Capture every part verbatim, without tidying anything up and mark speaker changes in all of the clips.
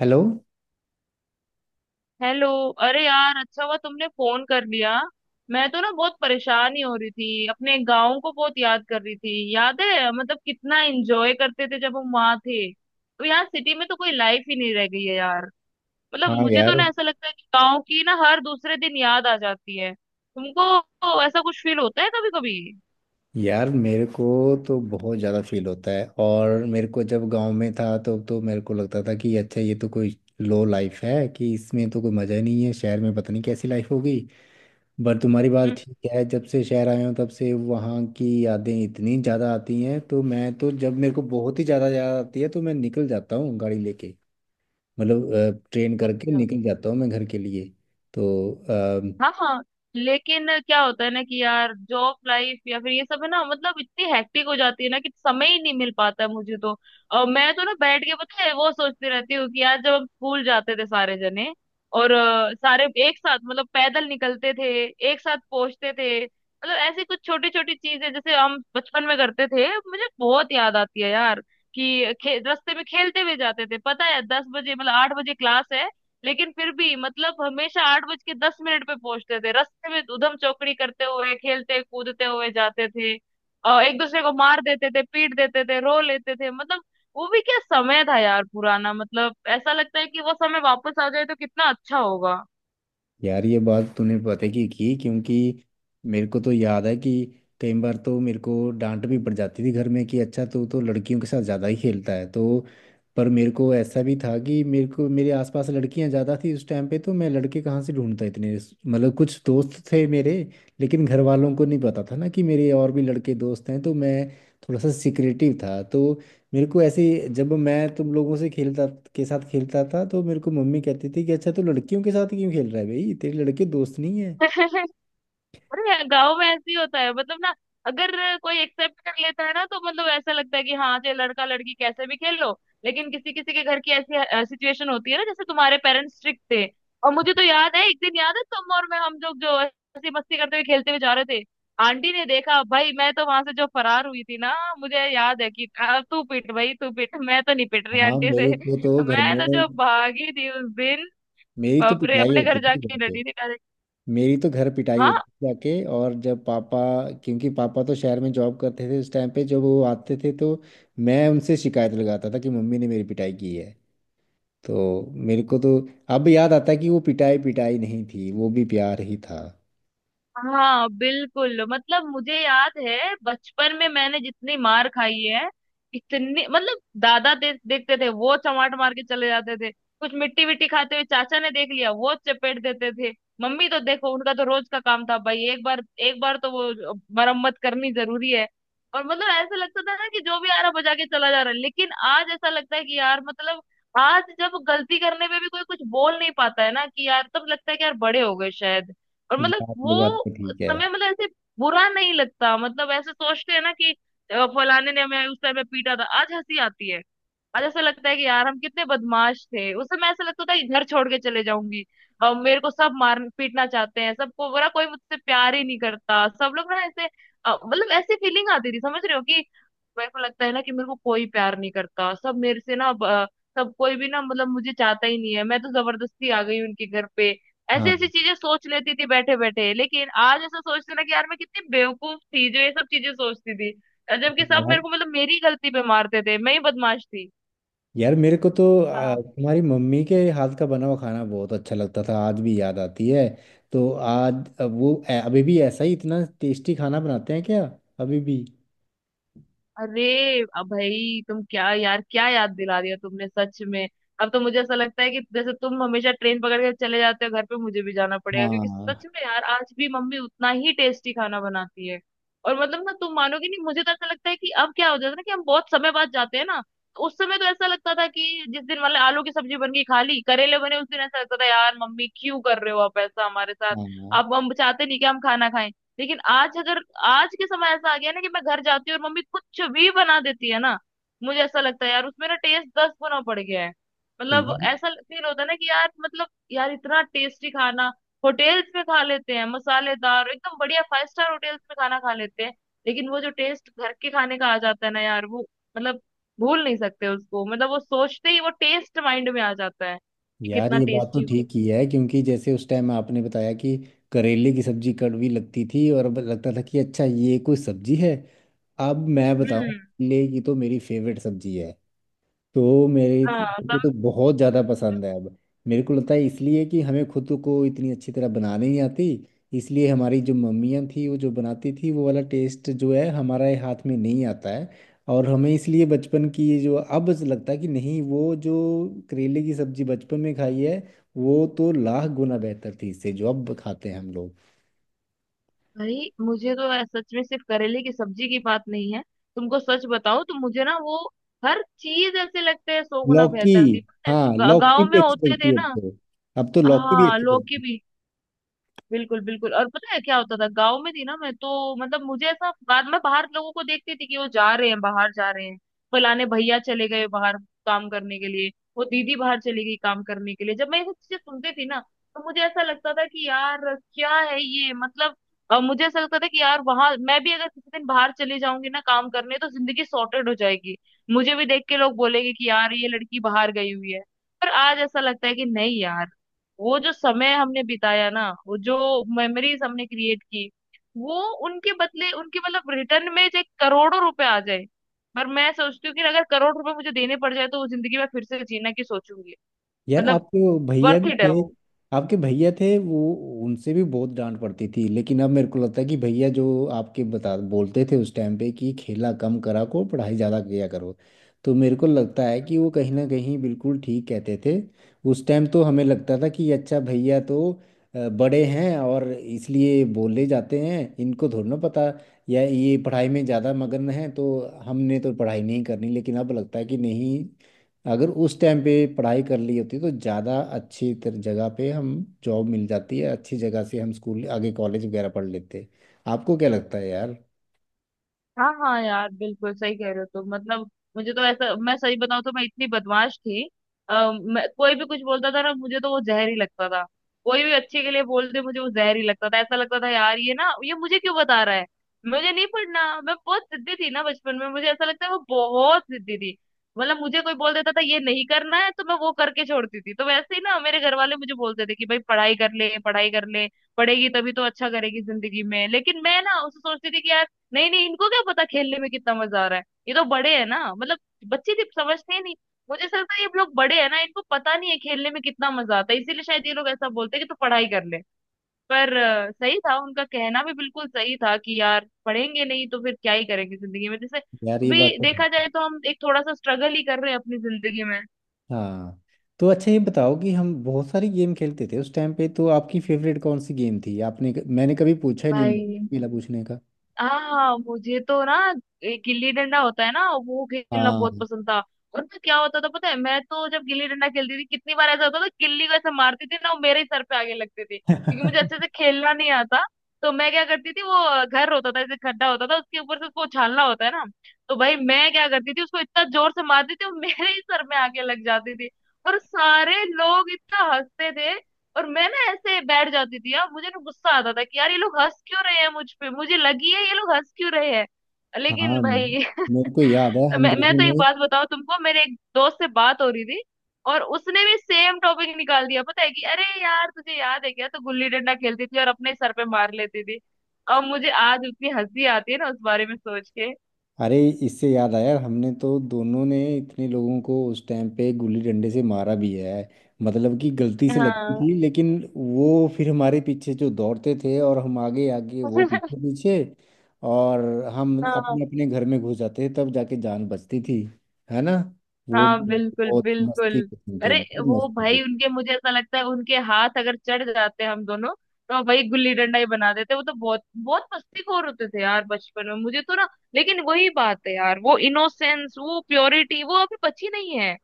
Speaker 1: Hello.
Speaker 2: Hello. अरे यार, अच्छा हुआ तुमने फोन कर लिया। मैं तो ना बहुत परेशान ही हो रही थी, अपने गांव को बहुत याद कर रही थी। याद है मतलब कितना एंजॉय करते थे जब हम वहां थे? तो यार सिटी में तो कोई लाइफ ही नहीं रह गई है यार। मतलब
Speaker 1: हाँ
Speaker 2: मुझे तो
Speaker 1: यार।
Speaker 2: ना ऐसा लगता है कि गांव की ना हर दूसरे दिन याद आ जाती है। तुमको ऐसा कुछ फील होता है कभी कभी?
Speaker 1: यार मेरे को तो बहुत ज़्यादा फील होता है। और मेरे को जब गांव में था तो तो मेरे को लगता था कि अच्छा ये तो कोई लो लाइफ है, कि इसमें तो कोई मज़ा ही नहीं है, शहर में पता नहीं कैसी लाइफ होगी। पर तुम्हारी बात ठीक है, जब से शहर आया हूँ तब से वहाँ की यादें इतनी ज़्यादा आती हैं। तो मैं तो जब मेरे को बहुत ही ज़्यादा याद आती है तो मैं निकल जाता हूँ गाड़ी लेके, मतलब ट्रेन करके
Speaker 2: अच्छा।
Speaker 1: निकल जाता हूँ मैं घर के लिए। तो
Speaker 2: हाँ हाँ। लेकिन क्या होता है ना कि यार जॉब लाइफ या फिर ये सब है ना, मतलब इतनी हेक्टिक हो जाती है ना कि समय ही नहीं मिल पाता है मुझे तो। और मैं तो ना बैठ के, पता है, वो सोचती रहती हूँ कि यार जब हम स्कूल जाते थे सारे जने और अ, सारे एक साथ मतलब पैदल निकलते थे, एक साथ पहुंचते थे। मतलब ऐसी कुछ छोटी छोटी चीजें जैसे हम बचपन में करते थे, मुझे बहुत याद आती है यार। कि खे, रास्ते में खेलते हुए जाते थे, पता है दस बजे मतलब आठ बजे क्लास है, लेकिन फिर भी मतलब हमेशा आठ बज के दस मिनट पे पहुंचते थे। रास्ते में उधम चौकड़ी करते हुए, खेलते कूदते हुए जाते थे और एक दूसरे को मार देते थे, पीट देते थे, रो लेते थे। मतलब वो भी क्या समय था यार, पुराना। मतलब ऐसा लगता है कि वो समय वापस आ जाए तो कितना अच्छा होगा।
Speaker 1: यार ये बात तूने पता की की क्योंकि मेरे को तो याद है कि कई बार तो मेरे को डांट भी पड़ जाती थी घर में कि अच्छा तू तो लड़कियों के साथ ज़्यादा ही खेलता है। तो पर मेरे को ऐसा भी था कि मेरे को मेरे आसपास लड़कियां ज़्यादा थी उस टाइम पे, तो मैं लड़के कहाँ से ढूंढता इतने। मतलब कुछ दोस्त थे मेरे, लेकिन घर वालों को नहीं पता था ना कि मेरे और भी लड़के दोस्त हैं। तो मैं थोड़ा सा सिक्रेटिव था। तो मेरे को ऐसे ही- जब मैं तुम लोगों से खेलता के साथ खेलता था तो मेरे को मम्मी कहती थी कि अच्छा तू लड़कियों के साथ क्यों खेल रहा है भाई, तेरे लड़के दोस्त नहीं है।
Speaker 2: अरे यार, गाँव में ऐसे ही होता है मतलब ना। अगर कोई एक्सेप्ट कर लेता है ना तो मतलब ऐसा लगता है कि हाँ, चाहे लड़का लड़की कैसे भी खेल लो। लेकिन किसी किसी के घर की ऐसी सिचुएशन होती है ना, जैसे तुम्हारे पेरेंट्स स्ट्रिक्ट थे। और मुझे तो याद है एक दिन, याद है तुम और मैं हम लोग जो ऐसी मस्ती करते हुए खेलते हुए जा रहे थे, आंटी ने देखा भाई, मैं तो वहां से जो फरार हुई थी ना। मुझे याद है कि "आ, तू पिट भाई तू पिट" मैं तो नहीं पिट रही
Speaker 1: हाँ
Speaker 2: आंटी से
Speaker 1: मेरे को तो घर में,
Speaker 2: मैं तो जो भागी थी उस दिन।
Speaker 1: मेरी तो
Speaker 2: बाप रे,
Speaker 1: पिटाई
Speaker 2: अपने
Speaker 1: होती
Speaker 2: घर
Speaker 1: थी घर
Speaker 2: जाके
Speaker 1: पे।
Speaker 2: डटी थी डायरेक्ट।
Speaker 1: मेरी तो घर पिटाई होती
Speaker 2: हाँ
Speaker 1: थी जाके। और जब पापा, क्योंकि पापा तो शहर में जॉब करते थे उस टाइम पे, जब वो आते थे तो मैं उनसे शिकायत लगाता था कि मम्मी ने मेरी पिटाई की है। तो मेरे को तो अब याद आता है कि वो पिटाई पिटाई नहीं थी, वो भी प्यार ही था।
Speaker 2: हाँ बिल्कुल। मतलब मुझे याद है बचपन में मैंने जितनी मार खाई है इतनी, मतलब दादा दे, देखते थे, वो चमाट मार के चले जाते थे। कुछ मिट्टी विट्टी खाते हुए चाचा ने देख लिया, वो चपेट देते थे। मम्मी तो देखो, उनका तो रोज का काम था भाई। एक बार, एक बार तो वो मरम्मत करनी जरूरी है। और मतलब ऐसा लगता था ना कि जो भी आ रहा बजा के चला जा रहा है, लेकिन आज ऐसा लगता है कि यार मतलब आज जब गलती करने पे भी कोई कुछ बोल नहीं पाता है ना, कि यार तब लगता है कि यार बड़े हो गए शायद। और मतलब
Speaker 1: यार ये
Speaker 2: वो
Speaker 1: बात तो
Speaker 2: उस
Speaker 1: ठीक है।
Speaker 2: समय मतलब ऐसे बुरा नहीं लगता, मतलब ऐसे सोचते हैं ना कि अ, फलाने ने हमें उस समय पीटा था, आज हंसी आती है। आज ऐसा लगता है कि यार हम कितने बदमाश थे। उस समय ऐसा लगता था कि घर छोड़ के चले जाऊंगी, और मेरे को सब मार पीटना चाहते हैं सबको, बुरा कोई मुझसे प्यार ही नहीं करता, सब लोग ना ऐसे, अ, मतलब ऐसी फीलिंग आती थी। समझ रहे हो कि मेरे को लगता है ना कि मेरे को कोई प्यार नहीं करता, सब मेरे से ना ब- सब कोई भी ना, मतलब मुझे चाहता ही नहीं है, मैं तो जबरदस्ती आ गई उनके घर पे। ऐसी
Speaker 1: हाँ
Speaker 2: ऐसी चीजें सोच लेती थी बैठे बैठे। लेकिन आज ऐसा सोचते ना कि यार मैं कितनी बेवकूफ थी जो ये सब चीजें सोचती थी, जबकि सब
Speaker 1: यार।
Speaker 2: मेरे को, मतलब मेरी गलती पे मारते थे, मैं ही बदमाश थी।
Speaker 1: यार मेरे को तो आ, तुम्हारी मम्मी के हाथ का बना हुआ खाना बहुत अच्छा लगता था, आज भी याद आती है। तो आज अब वो ए- अभी भी ऐसा ही इतना टेस्टी खाना बनाते हैं क्या अभी भी?
Speaker 2: अरे, अब भाई तुम क्या यार, क्या याद दिला दिया तुमने सच में। अब तो मुझे ऐसा लगता है कि जैसे तुम हमेशा ट्रेन पकड़ के चले जाते हो घर पे, मुझे भी जाना पड़ेगा, क्योंकि
Speaker 1: हाँ
Speaker 2: सच में यार आज भी मम्मी उतना ही टेस्टी खाना बनाती है। और मतलब ना तुम मानोगे नहीं, मुझे तो ऐसा लगता है कि, अब क्या हो जाता है ना कि हम बहुत समय बाद जाते हैं ना, तो उस समय तो ऐसा लगता था कि जिस दिन वाले आलू की सब्जी बन गई, खा ली, करेले बने उस दिन ऐसा लगता था यार मम्मी क्यों कर रहे हो आप ऐसा हमारे साथ,
Speaker 1: हाँ।
Speaker 2: आप हम चाहते नहीं कि हम खाना खाएं। लेकिन आज अगर, आज के समय ऐसा आ गया ना कि मैं घर जाती हूँ और मम्मी कुछ भी बना देती है ना, मुझे ऐसा लगता है यार उसमें ना टेस्ट दस गुना बढ़ गया है।
Speaker 1: तो
Speaker 2: मतलब
Speaker 1: यार,
Speaker 2: ऐसा फील होता है ना कि यार मतलब यार इतना टेस्टी खाना, होटेल्स में खा लेते हैं मसालेदार एकदम बढ़िया, फाइव स्टार होटेल्स में खाना खा लेते हैं, लेकिन वो जो टेस्ट घर के खाने का आ जाता है ना यार वो, मतलब भूल नहीं सकते उसको। मतलब वो सोचते ही वो टेस्ट माइंड में आ जाता है कि
Speaker 1: यार
Speaker 2: कितना
Speaker 1: ये बात तो
Speaker 2: टेस्टी हो।
Speaker 1: ठीक ही है क्योंकि जैसे उस टाइम आपने बताया कि करेले की सब्जी कड़वी लगती थी और अब लगता था कि अच्छा ये कोई सब्जी है। अब मैं बताऊं
Speaker 2: हम्म।
Speaker 1: करेले की तो मेरी फेवरेट सब्जी है। तो मेरे
Speaker 2: हाँ।
Speaker 1: को तो बहुत ज़्यादा पसंद है अब। मेरे को लगता है इसलिए कि हमें खुद को इतनी अच्छी तरह बनाने नहीं आती, इसलिए हमारी जो मम्मियाँ थी वो जो बनाती थी वो वाला टेस्ट जो है हमारे हाथ में नहीं आता है। और हमें इसलिए बचपन की ये जो अब लगता है कि नहीं, वो जो करेले की सब्जी बचपन में खाई है वो तो लाख गुना बेहतर थी इससे जो अब खाते हैं हम लोग।
Speaker 2: भाई मुझे तो ऐ- सच में सिर्फ करेले की सब्जी की बात नहीं है, तुमको सच बताओ तो मुझे ना वो हर चीज ऐसे लगता है सौ गुना
Speaker 1: लौकी,
Speaker 2: बेहतर थी।
Speaker 1: हाँ लौकी
Speaker 2: गांव में
Speaker 1: भी अच्छी
Speaker 2: होते
Speaker 1: लगती
Speaker 2: थे
Speaker 1: है अब
Speaker 2: ना।
Speaker 1: तो। अब तो लौकी भी
Speaker 2: हाँ
Speaker 1: अच्छी
Speaker 2: लौकी
Speaker 1: लगती है।
Speaker 2: भी। बिल्कुल बिल्कुल। और पता है क्या होता था, गांव में थी ना मैं तो, मतलब मुझे ऐसा बाद में बाहर लोगों को देखती थी कि वो जा रहे हैं, बाहर जा रहे हैं, फलाने भैया चले गए बाहर काम करने के लिए, वो दीदी बाहर चली गई काम करने के लिए। जब मैं ये सब चीजें सुनती थी ना तो मुझे ऐसा लगता था कि यार क्या है ये, मतलब अ, मुझे ऐसा लगता था कि यार वहां मैं भी अगर किसी दिन बाहर चली जाऊंगी ना काम करने, तो जिंदगी सॉर्टेड हो जाएगी। मुझे भी देख के लोग बोलेंगे कि यार ये लड़की बाहर गई हुई है। पर आज ऐसा लगता है कि नहीं यार, वो जो समय हमने बिताया ना, वो जो मेमोरीज हमने क्रिएट की वो, उनके बदले, उनके मतलब रिटर्न में जो करोड़ों रुपए आ जाए, पर मैं सोचती हूँ कि अगर करोड़ रुपए मुझे देने पड़ जाए तो वो जिंदगी में फिर से जीना की सोचूंगी।
Speaker 1: यार
Speaker 2: मतलब
Speaker 1: आपके भैया
Speaker 2: वर्थ
Speaker 1: भी
Speaker 2: इट है
Speaker 1: थे,
Speaker 2: वो।
Speaker 1: आपके भैया थे वो, उनसे भी बहुत डांट पड़ती थी, लेकिन अब मेरे को लगता है कि भैया जो आपके बता बोलते थे उस टाइम पे कि खेला कम करा करो पढ़ाई ज़्यादा किया करो, तो मेरे को लगता है कि वो कहीं ना कहीं बिल्कुल ठीक कहते थे। उस टाइम तो हमें लगता था कि अच्छा भैया तो अ, बड़े हैं और इसलिए बोले जाते हैं, इनको थोड़ा ना पता, या ये पढ़ाई में ज़्यादा मगन है तो, हमने तो पढ़ाई नहीं करनी। लेकिन अब लगता है कि नहीं, अगर उस टाइम पे पढ़ाई कर ली होती तो ज़्यादा अच्छी तर- जगह पे हम जॉब मिल जाती है अच्छी जगह से, हम स्कूल आगे कॉलेज वगैरह पढ़ लेते। आपको क्या लगता है यार?
Speaker 2: हाँ हाँ यार बिल्कुल सही कह रहे हो तुम। मतलब मुझे तो ऐसा, मैं सही बताऊँ तो मैं इतनी बदमाश थी, आ, मैं, कोई भी कुछ बोलता था ना मुझे, तो वो जहर ही लगता था। कोई भी अच्छे के लिए बोलते, मुझे वो जहर ही लगता था, ऐसा लगता था यार ये ना, ये मुझे क्यों बता रहा है, मुझे नहीं पढ़ना। मैं बहुत जिद्दी थी ना बचपन में, मुझे ऐसा लगता है वो बहुत जिद्दी थी। मतलब मुझे कोई बोल देता था ये नहीं करना है, तो मैं वो करके छोड़ती थी। तो वैसे ही ना मेरे घर वाले मुझे बोलते थे कि भाई पढ़ाई कर ले, पढ़ाई कर ले, पढ़ेगी तभी तो अच्छा करेगी जिंदगी में। लेकिन मैं ना उसे सोचती थी कि यार नहीं नहीं, इनको क्या पता खेलने में कितना मजा आ रहा है, ये तो बड़े हैं ना, मतलब बच्चे थे समझते ही नहीं। मुझे ऐसा लगता है ये लोग बड़े हैं ना, इनको पता नहीं है खेलने में कितना मजा आता है, इसीलिए शायद ये लोग ऐसा बोलते हैं कि तू पढ़ाई कर ले। पर अ, सही था उनका कहना, भी बिल्कुल सही था कि यार पढ़ेंगे नहीं तो फिर क्या ही करेंगे जिंदगी में, जैसे
Speaker 1: यार ये बात
Speaker 2: अभी
Speaker 1: तो
Speaker 2: देखा
Speaker 1: है।
Speaker 2: जाए तो हम एक थोड़ा सा स्ट्रगल ही कर रहे हैं अपनी जिंदगी में।
Speaker 1: हाँ। तो अच्छा ये बताओ कि हम बहुत सारी गेम खेलते थे उस टाइम पे, तो आपकी फेवरेट कौन सी गेम थी? आपने क- मैंने कभी पूछा ही नहीं,
Speaker 2: भाई
Speaker 1: मिला पूछने का।
Speaker 2: हाँ, मुझे तो ना एक गिल्ली डंडा होता है ना, वो खेलना बहुत
Speaker 1: हाँ
Speaker 2: पसंद था। और ना क्या होता था पता है, मैं तो जब गिल्ली डंडा खेलती थी कितनी बार ऐसा होता था गिल्ली को ऐसे मारती थी ना, वो मेरे ही सर पे आगे लगती थी, क्योंकि मुझे अच्छे से खेलना नहीं आता। तो मैं क्या करती थी, वो घर होता था ऐसे खड्डा होता था, उसके ऊपर से उसको उछालना होता है ना, तो भाई मैं क्या करती थी उसको इतना जोर से मारती थी वो मेरे ही सर में आके लग जाती थी। और सारे लोग इतना हंसते थे, और मैं ना ऐसे बैठ जाती थी यार, मुझे ना गुस्सा आता था कि यार ये लोग हंस क्यों रहे हैं मुझ पे, मुझे लगी है ये लोग हंस क्यों रहे हैं।
Speaker 1: हाँ
Speaker 2: लेकिन भाई
Speaker 1: मेरे को याद है हम
Speaker 2: मैं मैं
Speaker 1: दोनों
Speaker 2: तो एक
Speaker 1: ने।
Speaker 2: बात बताऊं तुमको, मेरे एक दोस्त से बात हो रही थी और उसने भी सेम टॉपिक निकाल दिया, पता है कि अरे यार तुझे याद है क्या, तो गुल्ली डंडा खेलती थी और अपने सर पे मार लेती थी। अब मुझे आज उतनी हंसी आती है ना उस बारे में सोच के।
Speaker 1: अरे इससे याद आया, हमने तो दोनों ने इतने लोगों को उस टाइम पे गुल्ली डंडे से मारा भी है। मतलब कि गलती से लगती
Speaker 2: हाँ।
Speaker 1: थी, लेकिन वो फिर हमारे पीछे जो दौड़ते थे और हम आगे आगे वो पीछे पीछे, और हम
Speaker 2: हाँ
Speaker 1: अपने अपने घर में घुस जाते थे, तब जाके जान बचती थी, है ना? वो
Speaker 2: हाँ बिल्कुल
Speaker 1: बहुत मस्ती
Speaker 2: बिल्कुल।
Speaker 1: के दिन थे,
Speaker 2: अरे
Speaker 1: बहुत
Speaker 2: वो
Speaker 1: मस्ती के
Speaker 2: भाई
Speaker 1: थे।
Speaker 2: उनके, मुझे ऐसा लगता है उनके हाथ अगर चढ़ जाते हम दोनों, तो भाई गुल्ली डंडा ही बना देते। वो तो बहुत बहुत मस्तीखोर होते थे यार बचपन में, मुझे तो ना, लेकिन वही बात है यार, वो इनोसेंस, वो प्योरिटी वो अभी बची नहीं है।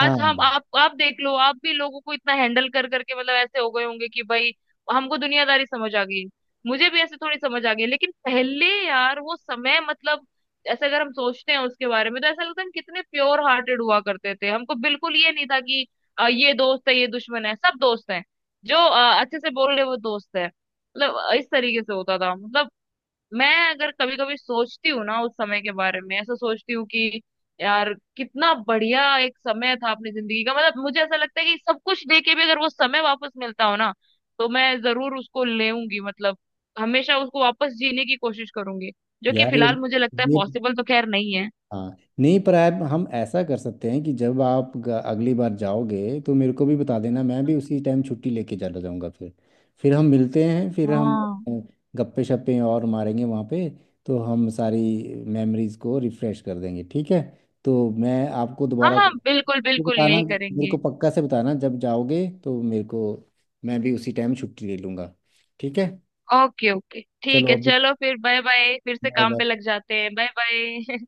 Speaker 1: हाँ।
Speaker 2: हम आप आप देख लो, आप भी लोगों को इतना हैंडल कर करके मतलब ऐसे हो गए होंगे कि भाई हमको दुनियादारी समझ आ गई। मुझे भी ऐसे थोड़ी समझ आ गई, लेकिन पहले यार वो समय मतलब, ऐसे अगर हम सोचते हैं उसके बारे में तो ऐसा लगता है हम कितने प्योर हार्टेड हुआ करते थे। हमको बिल्कुल ये नहीं था कि अ, ये दोस्त है, ये दुश्मन है, सब दोस्त हैं। जो अ, अच्छे से बोल रहे वो दोस्त है, मतलब अ, इस तरीके से होता था। मतलब मैं अगर कभी कभी सोचती हूँ ना उस समय के बारे में, ऐसा सोचती हूँ कि यार कितना बढ़िया एक समय था अपनी जिंदगी का। मतलब मुझे ऐसा लगता है कि सब कुछ दे के भी अगर वो समय वापस मिलता हो ना तो मैं जरूर उसको लेऊंगी। मतलब हमेशा उसको वापस जीने की कोशिश करूंगी, जो कि
Speaker 1: यार
Speaker 2: फिलहाल मुझे लगता है
Speaker 1: ये
Speaker 2: पॉसिबल तो खैर नहीं है।
Speaker 1: हाँ नहीं, पर आप हम ऐसा कर सकते हैं कि जब आप ग- अगली बार जाओगे तो मेरे को भी बता देना, मैं भी उसी टाइम छुट्टी लेके चला जाऊंगा। फिर फिर हम मिलते हैं, फिर हम
Speaker 2: हाँ।
Speaker 1: अ, गप्पे शप्पे और मारेंगे वहाँ पे, तो हम सारी मेमोरीज को रिफ्रेश कर देंगे, ठीक है? तो मैं आपको
Speaker 2: हाँ
Speaker 1: दोबारा
Speaker 2: हाँ
Speaker 1: कॉल-
Speaker 2: बिल्कुल
Speaker 1: तो
Speaker 2: बिल्कुल,
Speaker 1: बताना
Speaker 2: यही
Speaker 1: मेरे
Speaker 2: करेंगे।
Speaker 1: को पक्का से बताना, जब जाओगे तो मेरे को, मैं भी उसी टाइम छुट्टी ले लूँगा। ठीक है,
Speaker 2: ओके ओके, ठीक
Speaker 1: चलो
Speaker 2: है
Speaker 1: अभी।
Speaker 2: चलो, फिर बाय बाय, फिर से
Speaker 1: बाय
Speaker 2: काम पे
Speaker 1: बाय।
Speaker 2: लग जाते हैं, बाय बाय।